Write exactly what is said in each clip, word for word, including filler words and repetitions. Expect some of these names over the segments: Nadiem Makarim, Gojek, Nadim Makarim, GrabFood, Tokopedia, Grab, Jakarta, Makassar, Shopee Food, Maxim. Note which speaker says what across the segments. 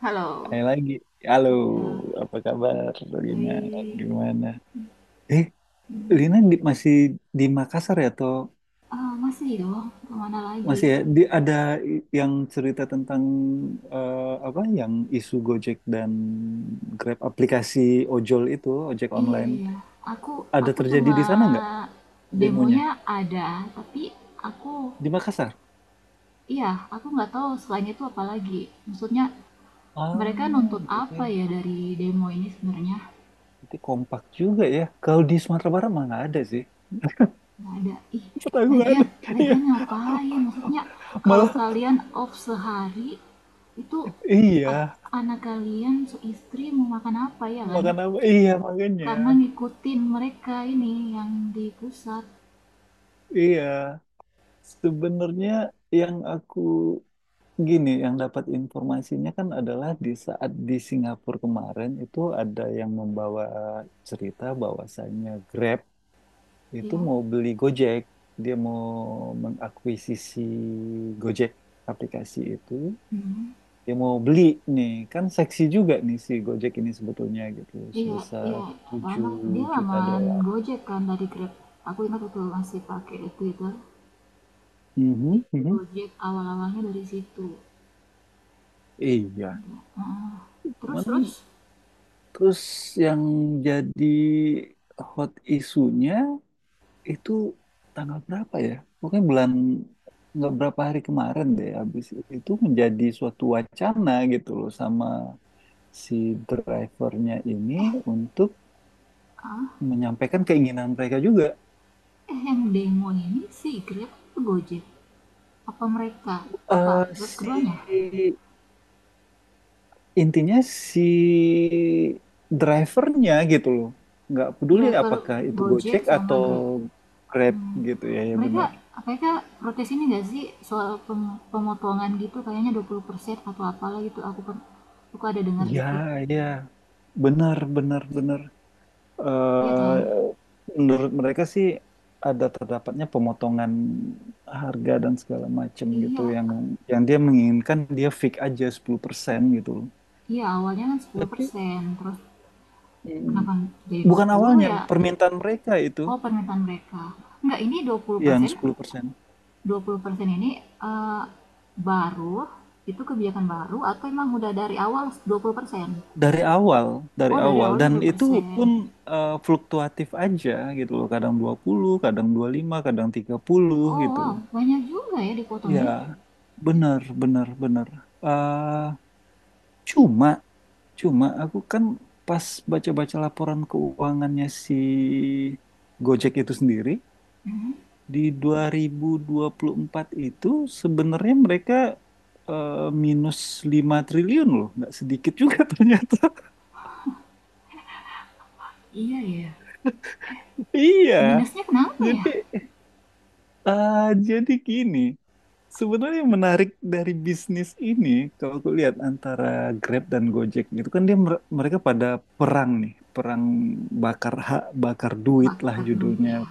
Speaker 1: Halo.
Speaker 2: Hai lagi. Halo,
Speaker 1: Iya,
Speaker 2: apa kabar Lina?
Speaker 1: baik.
Speaker 2: Gimana? Eh,
Speaker 1: Hmm.
Speaker 2: Lina di- masih di Makassar ya atau
Speaker 1: Ah, masih dong. Kemana lagi?
Speaker 2: masih ya? Di, ada i- yang cerita tentang eh, apa yang isu Gojek dan Grab aplikasi ojol itu, ojek
Speaker 1: Iya,
Speaker 2: online.
Speaker 1: iya. Aku
Speaker 2: Ada
Speaker 1: aku
Speaker 2: terjadi
Speaker 1: cuma
Speaker 2: di sana nggak demonya?
Speaker 1: demonya ada, tapi aku,
Speaker 2: Di Makassar?
Speaker 1: iya, aku nggak tahu selain itu apa lagi. Maksudnya mereka
Speaker 2: Ah,
Speaker 1: nuntut apa
Speaker 2: berarti,
Speaker 1: ya dari demo ini sebenarnya?
Speaker 2: berarti kompak juga ya. Kalau di Sumatera Barat mah nggak ada sih.
Speaker 1: Nggak ada. Ih,
Speaker 2: Kota gue nggak
Speaker 1: lagian
Speaker 2: ada. Iya,
Speaker 1: lagian ngapain? Maksudnya kalau
Speaker 2: malah
Speaker 1: kalian off sehari itu
Speaker 2: iya.
Speaker 1: ad- anak kalian istri mau makan apa ya kan?
Speaker 2: Makan apa? Iya, makanya.
Speaker 1: Karena ngikutin mereka ini yang di pusat,
Speaker 2: Iya. Sebenarnya yang aku gini, yang dapat informasinya kan adalah di saat di Singapura kemarin itu ada yang membawa cerita bahwasannya Grab itu
Speaker 1: ya.
Speaker 2: mau beli Gojek. Dia mau mengakuisisi Gojek aplikasi itu.
Speaker 1: Hmm.
Speaker 2: Dia mau beli nih, kan seksi juga nih si Gojek ini sebetulnya gitu,
Speaker 1: Iya,
Speaker 2: sebesar
Speaker 1: iya, lama
Speaker 2: tujuh
Speaker 1: dia
Speaker 2: juta
Speaker 1: lamaan
Speaker 2: dolar.
Speaker 1: Gojek kan dari Grab, aku ingat waktu masih pakai Twitter
Speaker 2: Mhm,
Speaker 1: itu
Speaker 2: mhm.
Speaker 1: Gojek awal-awalnya dari situ.
Speaker 2: Iya,
Speaker 1: Heeh. terus
Speaker 2: cuman
Speaker 1: terus
Speaker 2: terus yang jadi hot isunya itu tanggal berapa ya? Pokoknya bulan nggak berapa hari kemarin deh. Habis itu menjadi suatu wacana gitu loh sama si drivernya ini untuk
Speaker 1: ah,
Speaker 2: menyampaikan keinginan mereka juga.
Speaker 1: eh, yang demo ini si Grab atau Gojek, apa mereka, apa
Speaker 2: Eh si
Speaker 1: keduanya?
Speaker 2: intinya si drivernya gitu loh. Nggak peduli
Speaker 1: Driver
Speaker 2: apakah itu
Speaker 1: Gojek
Speaker 2: Gojek
Speaker 1: sama
Speaker 2: atau
Speaker 1: Grab.
Speaker 2: Grab
Speaker 1: Mmm,
Speaker 2: gitu ya, ya
Speaker 1: mereka
Speaker 2: benar.
Speaker 1: mereka protes ini nggak sih soal pem pemotongan gitu, kayaknya dua puluh persen atau apalah gitu, aku per aku ada dengar
Speaker 2: Iya,
Speaker 1: dikit,
Speaker 2: iya. Benar, benar, benar.
Speaker 1: iya
Speaker 2: Eh,
Speaker 1: kan?
Speaker 2: menurut mereka sih ada terdapatnya pemotongan harga dan segala macam gitu
Speaker 1: Iya,
Speaker 2: yang yang dia menginginkan dia fix aja sepuluh persen gitu loh.
Speaker 1: iya, awalnya kan sepuluh
Speaker 2: Tapi
Speaker 1: persen terus
Speaker 2: mm,
Speaker 1: kenapa jadi dua
Speaker 2: bukan
Speaker 1: puluh
Speaker 2: awalnya
Speaker 1: ya?
Speaker 2: permintaan mereka itu
Speaker 1: Oh, permintaan mereka. Nggak, ini dua dua puluh
Speaker 2: yang
Speaker 1: persen
Speaker 2: sepuluh persen.
Speaker 1: dua puluh persen ini, eee, baru itu kebijakan baru atau emang udah dari awal dua puluh persen?
Speaker 2: Dari awal, dari
Speaker 1: Oh, dari
Speaker 2: awal
Speaker 1: awal dua
Speaker 2: dan
Speaker 1: puluh
Speaker 2: itu
Speaker 1: persen
Speaker 2: pun eh, fluktuatif aja gitu loh. Kadang dua puluh, kadang dua puluh lima, kadang tiga puluh
Speaker 1: Oh
Speaker 2: gitu.
Speaker 1: wow, banyak juga ya
Speaker 2: Iya,
Speaker 1: dipotongnya.
Speaker 2: benar, benar, benar. Eh, cuma, cuma aku kan pas baca-baca laporan keuangannya si Gojek itu sendiri,
Speaker 1: Mhm,
Speaker 2: di dua dua ribu dua puluh empat itu sebenarnya mereka eh, minus lima triliun loh, nggak sedikit juga ternyata.
Speaker 1: iya ya.
Speaker 2: Iya,
Speaker 1: Minusnya kenapa ya?
Speaker 2: jadi, eh, jadi gini. Sebenarnya yang menarik dari bisnis ini, kalau aku lihat antara Grab dan Gojek gitu kan dia mer- mereka pada perang nih, perang bakar hak, bakar duit lah
Speaker 1: Bakar duit
Speaker 2: judulnya.
Speaker 1: ya.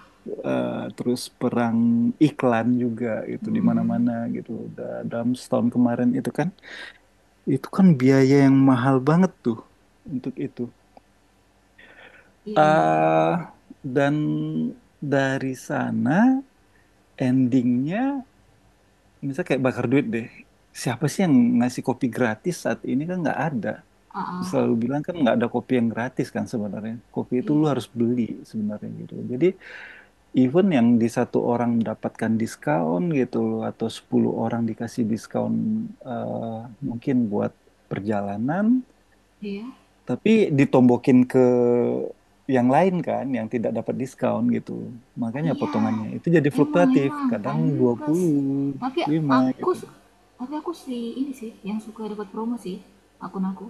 Speaker 2: Eh, terus perang iklan juga gitu di
Speaker 1: Hmm.
Speaker 2: mana-mana gitu. Da- Dalam setahun kemarin itu kan, itu kan biaya yang mahal banget tuh untuk itu.
Speaker 1: Iya, iya, iya.
Speaker 2: Ah, dan dari sana endingnya. Misalnya kayak bakar duit deh. Siapa sih yang ngasih kopi gratis saat ini kan nggak ada.
Speaker 1: Ah,
Speaker 2: Selalu
Speaker 1: ah.
Speaker 2: bilang kan nggak ada kopi yang gratis kan sebenarnya. Kopi itu lu
Speaker 1: Iya,
Speaker 2: harus beli sebenarnya gitu. Jadi even yang di satu orang mendapatkan diskon gitu loh atau sepuluh orang dikasih diskon eh, mungkin buat perjalanan,
Speaker 1: iya,
Speaker 2: tapi ditombokin ke yang lain kan yang tidak dapat diskon gitu loh. Makanya
Speaker 1: iya,
Speaker 2: potongannya itu jadi
Speaker 1: emang
Speaker 2: fluktuatif,
Speaker 1: emang
Speaker 2: kadang dua
Speaker 1: pantas,
Speaker 2: puluh
Speaker 1: tapi
Speaker 2: lima
Speaker 1: aku
Speaker 2: gitu.
Speaker 1: tapi aku sih, ini sih yang suka dapat promo sih, akun aku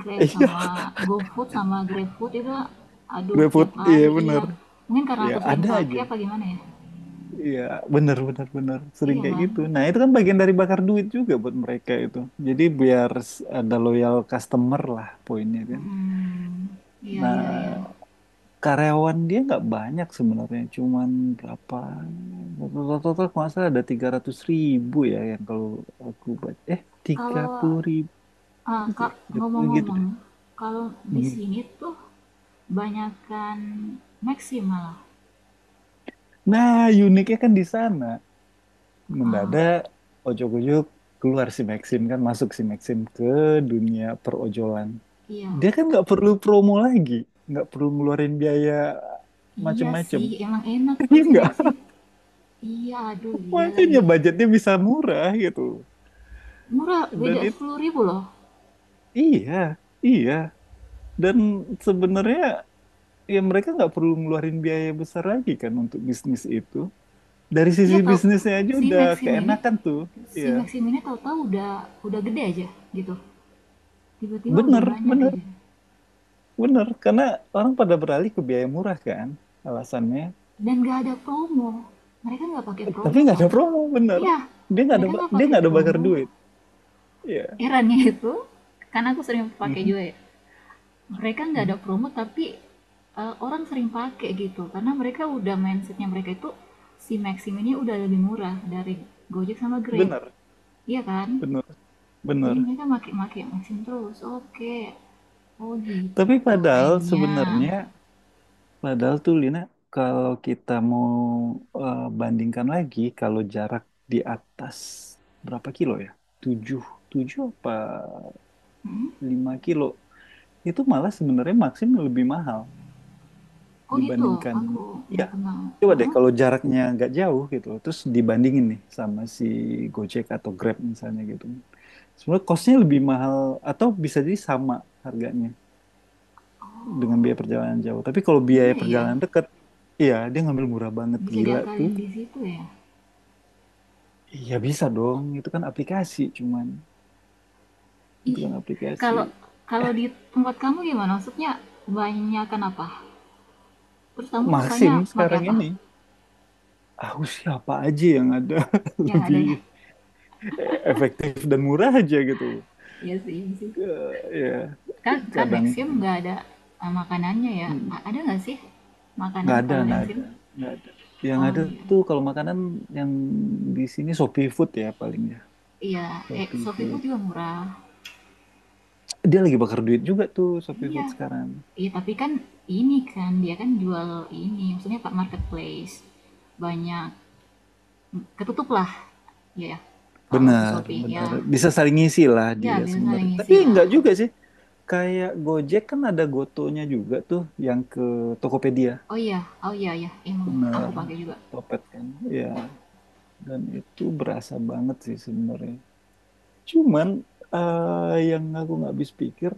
Speaker 1: Grab sama
Speaker 2: Iya,
Speaker 1: GoFood sama GrabFood itu, aduh
Speaker 2: GrabFood,
Speaker 1: tiap
Speaker 2: iya
Speaker 1: hari, iya,
Speaker 2: bener.
Speaker 1: mungkin karena
Speaker 2: Ya
Speaker 1: aku sering
Speaker 2: ada
Speaker 1: pakai
Speaker 2: aja.
Speaker 1: apa gimana ya,
Speaker 2: Iya bener bener bener. Sering
Speaker 1: iya
Speaker 2: kayak
Speaker 1: kan?
Speaker 2: gitu. Nah itu kan bagian dari bakar duit juga buat mereka itu. Jadi biar s- ada loyal customer lah poinnya kan.
Speaker 1: Mm, iya, iya, iya,
Speaker 2: Nah karyawan dia nggak banyak sebenarnya. Cuman berapa? Total-total kalau nggak salah ada tiga ratus ribu ya yang kalau aku baca. Eh tiga
Speaker 1: kalau
Speaker 2: puluh ribu
Speaker 1: Eee, Kak,
Speaker 2: ya. Ya, gitu
Speaker 1: ngomong-ngomong,
Speaker 2: deh.
Speaker 1: kalau di
Speaker 2: Mhm.
Speaker 1: sini tuh banyakan Maxim malah.
Speaker 2: Nah uniknya kan di sana.
Speaker 1: Eee,
Speaker 2: Mendadak ojok-ojok keluar si Maxim kan masuk si Maxim ke dunia perojolan,
Speaker 1: iya.
Speaker 2: dia kan nggak perlu promo lagi, nggak perlu ngeluarin biaya
Speaker 1: Iya
Speaker 2: macem-macem,
Speaker 1: sih, emang enak tuh
Speaker 2: iya
Speaker 1: si
Speaker 2: nggak?
Speaker 1: Maxim. Iya, aduh, iya
Speaker 2: Makanya
Speaker 1: lagi.
Speaker 2: budgetnya bisa murah gitu
Speaker 1: Murah,
Speaker 2: dan
Speaker 1: beda
Speaker 2: itu,
Speaker 1: sepuluh ribu loh.
Speaker 2: iya iya, dan sebenarnya ya mereka nggak perlu ngeluarin biaya besar lagi kan untuk bisnis itu. Dari sisi
Speaker 1: Iya tau,
Speaker 2: bisnisnya aja
Speaker 1: si
Speaker 2: udah
Speaker 1: Maxim ini
Speaker 2: keenakan tuh,
Speaker 1: si
Speaker 2: iya.
Speaker 1: Maxim ini tahu-tahu udah udah gede aja gitu, tiba-tiba udah
Speaker 2: Bener
Speaker 1: banyak
Speaker 2: bener
Speaker 1: aja,
Speaker 2: bener, karena orang pada beralih ke biaya murah kan alasannya.
Speaker 1: dan gak ada promo. Mereka nggak pakai
Speaker 2: Tapi
Speaker 1: promo
Speaker 2: nggak ada
Speaker 1: tapi,
Speaker 2: promo, bener.
Speaker 1: iya,
Speaker 2: Dia nggak ada
Speaker 1: mereka
Speaker 2: ba-
Speaker 1: nggak
Speaker 2: dia
Speaker 1: pakai
Speaker 2: nggak ada bakar
Speaker 1: promo,
Speaker 2: duit. Iya.
Speaker 1: herannya, itu karena aku sering pakai
Speaker 2: Mhm,
Speaker 1: juga ya, mereka nggak
Speaker 2: mhm.
Speaker 1: ada promo tapi, eh, orang sering pakai gitu karena mereka udah mindsetnya, mereka itu si Maxim ini udah lebih murah dari Gojek sama Grab,
Speaker 2: Bener,
Speaker 1: iya kan,
Speaker 2: bener,
Speaker 1: jadi
Speaker 2: bener.
Speaker 1: mereka make-make Maxim terus, oke, oh
Speaker 2: Tapi
Speaker 1: gitu
Speaker 2: padahal
Speaker 1: mainnya.
Speaker 2: sebenarnya, padahal tuh Lina, kalau kita mau eh, bandingkan lagi, kalau jarak di atas berapa kilo ya? Tujuh, tujuh apa
Speaker 1: Hmm?
Speaker 2: lima kilo. Itu malah sebenarnya maksimum lebih mahal
Speaker 1: Oh gitu,
Speaker 2: dibandingkan,
Speaker 1: aku
Speaker 2: iya.
Speaker 1: berkenal,
Speaker 2: Coba deh
Speaker 1: oh,
Speaker 2: kalau jaraknya nggak jauh gitu loh, terus dibandingin nih sama si Gojek atau Grab misalnya gitu. Sebenarnya costnya lebih mahal atau bisa jadi sama harganya dengan
Speaker 1: oh
Speaker 2: biaya perjalanan jauh. Tapi kalau biaya
Speaker 1: iya ya,
Speaker 2: perjalanan dekat, iya dia ngambil murah banget
Speaker 1: bisa
Speaker 2: gila tuh.
Speaker 1: diakalin di situ ya.
Speaker 2: Iya bisa dong, itu kan aplikasi cuman itu
Speaker 1: Ih,
Speaker 2: kan aplikasi.
Speaker 1: kalau kalau di tempat kamu gimana? Maksudnya kebanyakan apa? Terus kamu sukanya
Speaker 2: Maxim
Speaker 1: pakai
Speaker 2: sekarang
Speaker 1: apa?
Speaker 2: ini, aku siapa aja yang ada
Speaker 1: Yang ada
Speaker 2: lebih
Speaker 1: ya?
Speaker 2: efektif dan murah aja gitu.
Speaker 1: Iya sih, iya sih.
Speaker 2: Eh, Ya
Speaker 1: Kan kan
Speaker 2: kadang
Speaker 1: Maxim nggak ada, eh, makanannya ya?
Speaker 2: hmm.
Speaker 1: A- ada nggak sih makanan
Speaker 2: nggak ada,
Speaker 1: kalau
Speaker 2: nggak
Speaker 1: Maxim?
Speaker 2: ada, nggak ada, yang
Speaker 1: Oh
Speaker 2: ada
Speaker 1: iya,
Speaker 2: tuh kalau makanan yang di sini Shopee Food ya paling ya.
Speaker 1: iya. Eh,
Speaker 2: Shopee
Speaker 1: Shopee
Speaker 2: Food
Speaker 1: Food juga murah.
Speaker 2: dia lagi bakar duit juga tuh, Shopee
Speaker 1: Iya,
Speaker 2: Food sekarang.
Speaker 1: iya. Tapi kan ini kan dia kan jual ini, maksudnya pak marketplace, banyak ketutup lah, ya. Ya. Kalau si
Speaker 2: Benar
Speaker 1: Shopee
Speaker 2: benar
Speaker 1: ya,
Speaker 2: bisa saling ngisi lah
Speaker 1: ya
Speaker 2: dia
Speaker 1: bisa saling
Speaker 2: sebenarnya tapi
Speaker 1: ngisi lah.
Speaker 2: nggak juga sih, kayak Gojek kan ada Gotonya juga tuh yang ke Tokopedia,
Speaker 1: Oh iya, oh iya ya emang, aku
Speaker 2: benar.
Speaker 1: pakai juga.
Speaker 2: Topet kan, ya, dan itu berasa banget sih sebenarnya, cuman eh, yang aku nggak habis pikir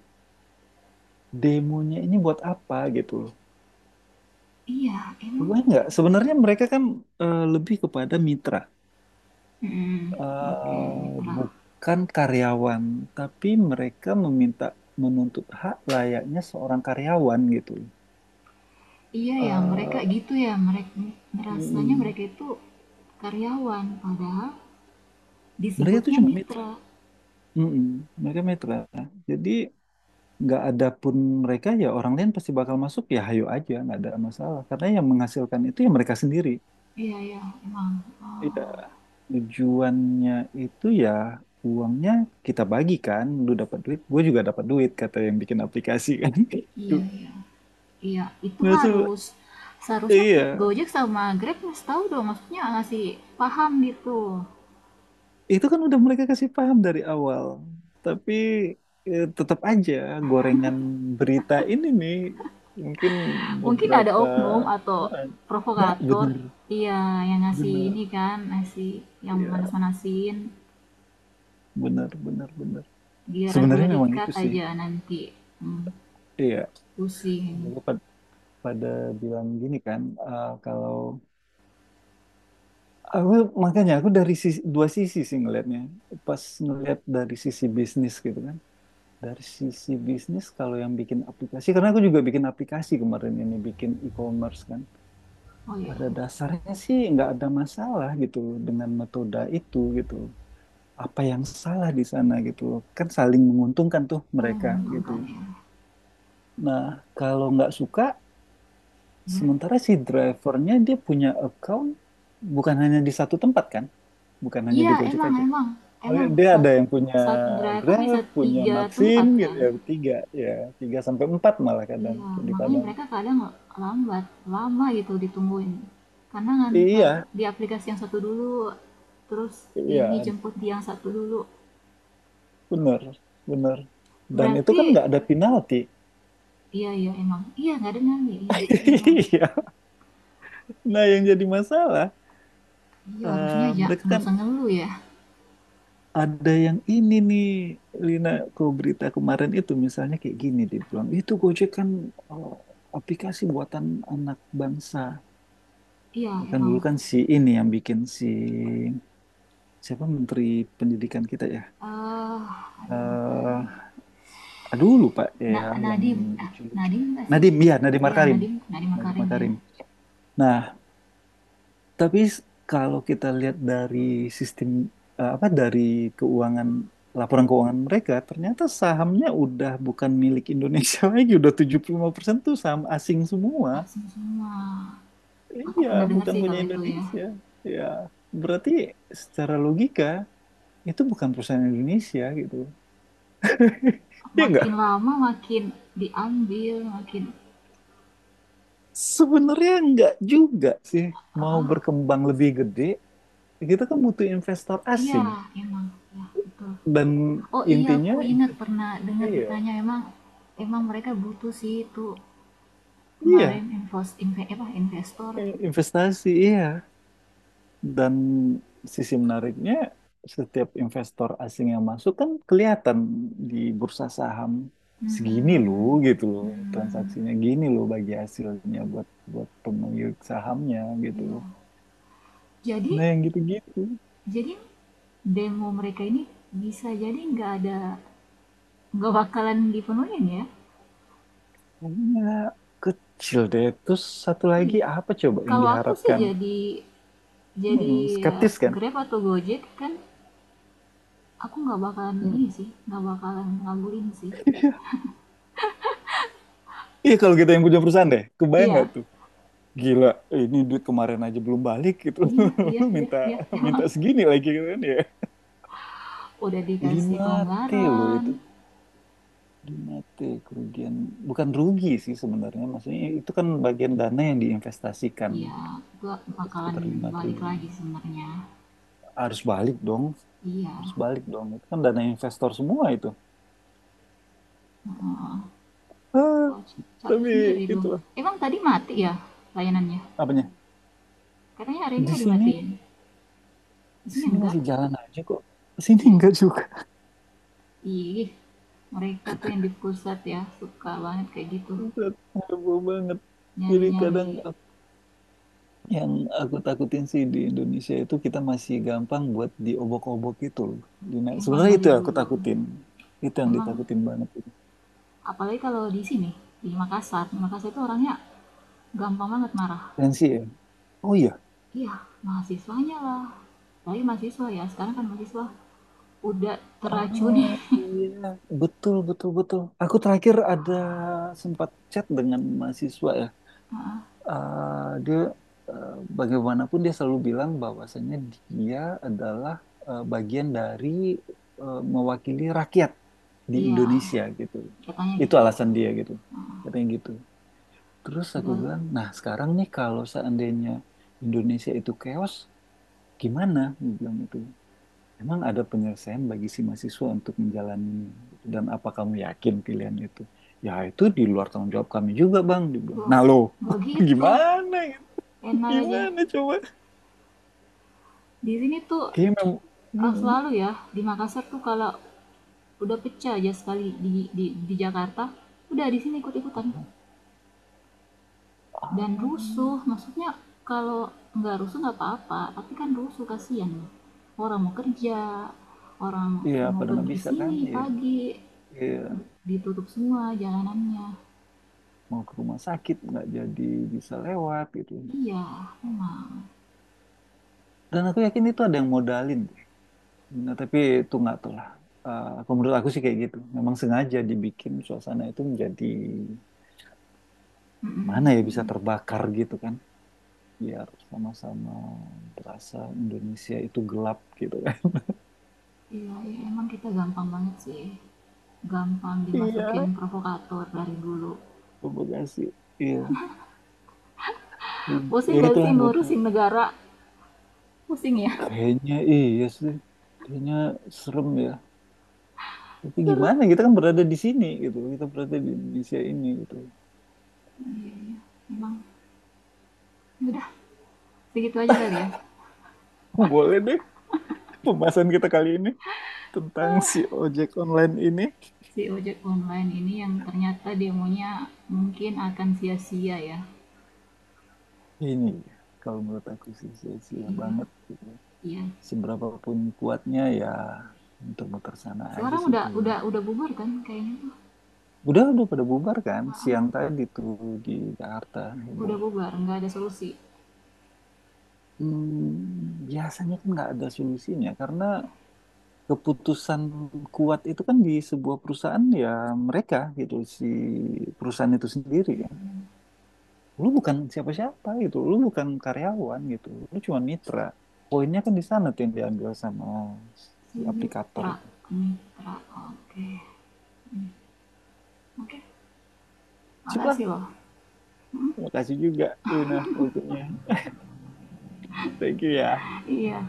Speaker 2: demonya ini buat apa gitu loh.
Speaker 1: Iya,
Speaker 2: Gue
Speaker 1: emang.
Speaker 2: nggak. Sebenarnya mereka kan eh, lebih kepada mitra,
Speaker 1: Mm, oke,
Speaker 2: eh,
Speaker 1: mitra.
Speaker 2: bukan karyawan. Tapi mereka meminta menuntut hak layaknya seorang karyawan gitu.
Speaker 1: Iya ya, mereka
Speaker 2: Eh,
Speaker 1: gitu ya, mereka merasanya
Speaker 2: mm
Speaker 1: mereka itu karyawan, padahal
Speaker 2: mereka itu
Speaker 1: disebutnya
Speaker 2: cuma mitra.
Speaker 1: mitra.
Speaker 2: Mm-mm. Mereka mitra. Jadi nggak ada pun mereka ya orang lain pasti bakal masuk ya hayo aja nggak ada masalah karena yang menghasilkan itu ya mereka sendiri.
Speaker 1: Iya ya, emang.
Speaker 2: Iya,
Speaker 1: Oh,
Speaker 2: tujuannya itu ya uangnya kita bagi kan, lu dapat duit gue juga dapat duit, kata yang bikin aplikasi kan. Itu
Speaker 1: iya, iya. Iya, itu
Speaker 2: maksud,
Speaker 1: harus seharusnya
Speaker 2: iya,
Speaker 1: Gojek sama Grab harus tahu dong, maksudnya ngasih paham gitu.
Speaker 2: itu kan udah mereka kasih paham dari awal tapi eh, tetap aja gorengan berita ini nih mungkin
Speaker 1: Mungkin ada
Speaker 2: beberapa
Speaker 1: oknum atau
Speaker 2: orang, ya
Speaker 1: provokator.
Speaker 2: bener
Speaker 1: Iya, yang ngasih
Speaker 2: bener,
Speaker 1: ini kan, ngasih yang
Speaker 2: ya
Speaker 1: manas-manasin.
Speaker 2: bener bener bener,
Speaker 1: Biaran udah
Speaker 2: sebenarnya memang
Speaker 1: dikat
Speaker 2: itu sih,
Speaker 1: aja nanti. hmm,
Speaker 2: iya.
Speaker 1: Pusing.
Speaker 2: Mereka pad- pada bilang gini kan, eh, kalau aku, makanya aku dari sisi, dua sisi sih ngelihatnya. Pas ngelihat dari sisi bisnis gitu kan. Dari sisi bisnis kalau yang bikin aplikasi, karena aku juga bikin aplikasi kemarin ini, bikin e-commerce kan.
Speaker 1: Oh iya.
Speaker 2: Pada dasarnya sih nggak ada masalah gitu loh dengan metode itu gitu loh. Apa yang salah di sana gitu loh. Kan saling menguntungkan tuh
Speaker 1: Kalian
Speaker 2: mereka gitu.
Speaker 1: menguntungkan ya.
Speaker 2: Nah, kalau nggak suka,
Speaker 1: Nah,
Speaker 2: sementara si drivernya dia punya account bukan hanya di satu tempat kan. Bukan hanya
Speaker 1: iya
Speaker 2: di Gojek
Speaker 1: emang
Speaker 2: aja.
Speaker 1: emang emang,
Speaker 2: Mereka- Dia ada
Speaker 1: sat-
Speaker 2: yang punya
Speaker 1: satu driver bisa
Speaker 2: Grab, punya
Speaker 1: tiga
Speaker 2: Maxim
Speaker 1: tempat
Speaker 2: gitu
Speaker 1: kan,
Speaker 2: ya, tiga, ya tiga sampai empat malah kadang
Speaker 1: iya
Speaker 2: tuh di
Speaker 1: makanya
Speaker 2: Padang.
Speaker 1: mereka kadang lambat, lama gitu ditungguin karena nganter
Speaker 2: Iya
Speaker 1: di aplikasi yang satu dulu, terus ini
Speaker 2: iya
Speaker 1: jemput di yang satu dulu.
Speaker 2: bener bener. Dan itu kan
Speaker 1: Berarti,
Speaker 2: nggak ada penalti.
Speaker 1: iya, iya, emang, iya nggak ada nyali, iya, iya, emang,
Speaker 2: Iya. Nah yang jadi masalah
Speaker 1: iya harusnya
Speaker 2: eh,
Speaker 1: aja
Speaker 2: mereka
Speaker 1: nggak
Speaker 2: kan
Speaker 1: usah ngeluh ya,
Speaker 2: ada yang ini nih Lina, kau berita kemarin itu misalnya kayak gini dia bilang itu Gojek kan eh, aplikasi buatan anak bangsa.
Speaker 1: iya
Speaker 2: Kan
Speaker 1: emang.
Speaker 2: dulu kan si ini yang bikin, si siapa Menteri Pendidikan kita ya,
Speaker 1: Eee, aduh lupa lagi.
Speaker 2: eh aduh lupa ya,
Speaker 1: Na
Speaker 2: yang
Speaker 1: Nadiem, ah,
Speaker 2: lucu-lucu.
Speaker 1: Nadiem nggak sih?
Speaker 2: Nadim, ya Nadim
Speaker 1: Iya,
Speaker 2: Makarim.
Speaker 1: Nadiem Nadiem
Speaker 2: Nadim
Speaker 1: Makarim ya.
Speaker 2: Makarim. Nah, tapi s- kalau kita lihat dari sistem, eh, apa dari keuangan, laporan keuangan mereka, ternyata sahamnya udah bukan milik Indonesia lagi, udah tujuh puluh lima persen tuh saham asing semua.
Speaker 1: Asing semua. Aku
Speaker 2: Iya,
Speaker 1: pernah dengar
Speaker 2: bukan
Speaker 1: sih
Speaker 2: punya
Speaker 1: kalau itu ya.
Speaker 2: Indonesia. Ya, berarti secara logika itu bukan perusahaan Indonesia gitu. Iya
Speaker 1: Makin
Speaker 2: nggak?
Speaker 1: lama makin diambil, makin,
Speaker 2: Sebenarnya enggak juga sih. Mau
Speaker 1: ah
Speaker 2: berkembang lebih gede, kita kan butuh investor
Speaker 1: iya
Speaker 2: asing.
Speaker 1: emang, ya betul.
Speaker 2: Dan
Speaker 1: Oh iya,
Speaker 2: intinya
Speaker 1: aku ingat
Speaker 2: investasi
Speaker 1: pernah dengar
Speaker 2: ya,
Speaker 1: ditanya, emang emang mereka butuh sih itu,
Speaker 2: iya,
Speaker 1: kemarin invest inve apa, investor.
Speaker 2: i- investasi iya. Dan sisi menariknya setiap investor asing yang masuk kan kelihatan di bursa saham segini loh
Speaker 1: Hmm.
Speaker 2: gitu loh,
Speaker 1: Mmm,
Speaker 2: transaksinya gini loh, bagi hasilnya buat buat pemilik sahamnya gitu
Speaker 1: iya.
Speaker 2: loh. Nah
Speaker 1: Jadi
Speaker 2: yang gitu-gitu.
Speaker 1: Jadi demo mereka ini bisa jadi nggak ada, nggak bakalan dipenuhin ya?
Speaker 2: Iya, kecil deh. Terus satu lagi
Speaker 1: Iya.
Speaker 2: apa coba yang
Speaker 1: Kalau aku sih
Speaker 2: diharapkan?
Speaker 1: jadi jadi
Speaker 2: Mm-mm,
Speaker 1: ya,
Speaker 2: skeptis kan?
Speaker 1: Grab atau Gojek kan aku nggak bakalan
Speaker 2: Mm.
Speaker 1: ini sih, nggak bakalan ngabulin sih.
Speaker 2: Iya kalau kita yang punya perusahaan deh, kebayang nggak
Speaker 1: Iya,
Speaker 2: tuh? Gila, ini duit kemarin aja belum balik gitu.
Speaker 1: iya, iya,
Speaker 2: Lu
Speaker 1: iya,
Speaker 2: minta
Speaker 1: iya,
Speaker 2: minta
Speaker 1: emang.
Speaker 2: segini lagi gitu kan ya.
Speaker 1: Udah dikasih
Speaker 2: Lima t loh itu.
Speaker 1: kelonggaran.
Speaker 2: Lima t kerugian. Bukan rugi sih sebenarnya. Maksudnya itu kan bagian dana yang diinvestasikan.
Speaker 1: Iya, gua bakalan
Speaker 2: Sekitar lima
Speaker 1: balik
Speaker 2: triliun.
Speaker 1: lagi sebenarnya.
Speaker 2: Harus balik dong. Harus
Speaker 1: Iya.
Speaker 2: balik dong. Itu kan dana investor semua itu.
Speaker 1: Heeh.
Speaker 2: Ah,
Speaker 1: Wah, capek
Speaker 2: tapi
Speaker 1: sendiri dong.
Speaker 2: itulah.
Speaker 1: Emang tadi mati ya layanannya?
Speaker 2: Apanya?
Speaker 1: Katanya hari ini mau
Speaker 2: Di sini,
Speaker 1: dimatiin. Di
Speaker 2: di
Speaker 1: sini
Speaker 2: sini
Speaker 1: enggak.
Speaker 2: masih jalan aja kok. Sini
Speaker 1: Iya.
Speaker 2: enggak juga.
Speaker 1: Ih, mereka tuh yang di pusat ya, suka banget kayak gitu.
Speaker 2: Buset, heboh banget. Jadi
Speaker 1: Nyari-nyari,
Speaker 2: kadang aku- yang aku takutin sih di Indonesia itu kita masih gampang buat diobok-obok itu loh. Di- nah,
Speaker 1: emang
Speaker 2: sebenarnya itu
Speaker 1: dari
Speaker 2: yang aku
Speaker 1: dulu.
Speaker 2: takutin. Itu yang
Speaker 1: Emang
Speaker 2: ditakutin banget.
Speaker 1: apalagi kalau di sini, di Makassar. Di Makassar itu orangnya gampang banget marah.
Speaker 2: Tensi ya. Oh iya.
Speaker 1: Iya, mahasiswanya lah. Apalagi mahasiswa ya, sekarang kan mahasiswa udah teracuni.
Speaker 2: Oh iya, betul betul betul. Aku terakhir ada sempat chat dengan mahasiswa ya.
Speaker 1: Heeh.
Speaker 2: eh, dia eh, bagaimanapun dia selalu bilang bahwasanya dia adalah eh, bagian dari eh, mewakili rakyat di
Speaker 1: Iya,
Speaker 2: Indonesia gitu.
Speaker 1: katanya
Speaker 2: Itu
Speaker 1: gitu.
Speaker 2: alasan dia gitu. Katanya gitu. Terus aku
Speaker 1: Udah,
Speaker 2: bilang, nah sekarang nih kalau seandainya Indonesia itu chaos, gimana? Dia bilang itu. Emang ada penyelesaian bagi si mahasiswa untuk menjalaninya? Gitu. Dan apa kamu yakin pilihan itu? Ya itu di luar tanggung jawab kami juga bang. Dia bilang,
Speaker 1: wah,
Speaker 2: nah loh.
Speaker 1: nggak gitu.
Speaker 2: Gimana? Gitu?
Speaker 1: Enak aja.
Speaker 2: Gimana coba?
Speaker 1: Di sini tuh,
Speaker 2: Kayaknya memang
Speaker 1: eh,
Speaker 2: hmm,
Speaker 1: selalu ya di Makassar tuh kalau udah pecah aja sekali di di, di Jakarta, udah di sini ikut-ikutan dan
Speaker 2: ah,
Speaker 1: rusuh, maksudnya kalau nggak rusuh nggak apa-apa tapi kan rusuh kasihan, orang mau kerja, orang
Speaker 2: ya
Speaker 1: mau
Speaker 2: pada nggak
Speaker 1: pergi
Speaker 2: bisa kan
Speaker 1: sini
Speaker 2: ya,
Speaker 1: pagi
Speaker 2: ya
Speaker 1: ditutup semua jalanannya,
Speaker 2: mau ke rumah sakit nggak jadi bisa lewat gitu.
Speaker 1: iya memang.
Speaker 2: Dan aku yakin itu ada yang modalin deh. Nah, tapi itu nggak tahu lah. Eh, Kalau menurut aku sih kayak gitu. Memang sengaja dibikin suasana itu menjadi mana
Speaker 1: Mm-mm,
Speaker 2: ya bisa
Speaker 1: mm-mm.
Speaker 2: terbakar gitu kan. Biar sama-sama berasa Indonesia itu gelap gitu kan.
Speaker 1: Iya, iya, emang kita gampang banget sih, gampang
Speaker 2: Iya.
Speaker 1: dimasukin provokator dari dulu.
Speaker 2: Terima kasih. Iya, ya
Speaker 1: Pusing gak sih
Speaker 2: itulah butuh.
Speaker 1: ngurusin negara, pusing ya,
Speaker 2: Kayaknya iya sih. Kayaknya serem ya. Tapi
Speaker 1: serem.
Speaker 2: gimana kita kan berada di sini gitu. Kita berada di Indonesia ini gitu.
Speaker 1: Iya, iya. Emang. Udah, segitu aja kali ya.
Speaker 2: Boleh deh pembahasan kita kali ini tentang si ojek online ini.
Speaker 1: Si ojek online ini yang ternyata demonya mungkin akan sia-sia ya.
Speaker 2: Ini ya, kalau menurut aku sih sia-sia
Speaker 1: Iya,
Speaker 2: banget.
Speaker 1: iya.
Speaker 2: Seberapa pun kuatnya ya muter-muter sana aja
Speaker 1: Sekarang
Speaker 2: sih
Speaker 1: udah
Speaker 2: itu ini.
Speaker 1: udah udah bubar kan kayaknya tuh.
Speaker 2: Udah udah pada bubar kan
Speaker 1: Maaf,
Speaker 2: siang tadi tuh di Jakarta
Speaker 1: udah
Speaker 2: heboh.
Speaker 1: bubar, nggak ada solusi.
Speaker 2: Hmm, biasanya kan nggak ada solusinya karena keputusan kuat itu kan di sebuah perusahaan ya mereka gitu, si perusahaan itu sendiri kan, lu bukan siapa-siapa gitu, lu bukan karyawan gitu, lu cuma mitra, poinnya kan di sana tuh yang diambil sama
Speaker 1: Si
Speaker 2: si aplikator
Speaker 1: mitra,
Speaker 2: itu.
Speaker 1: mitra. Oke. Oke.
Speaker 2: Sip lah,
Speaker 1: Makasih loh.
Speaker 2: terima kasih juga Luna waktunya, thank you ya.
Speaker 1: Iya.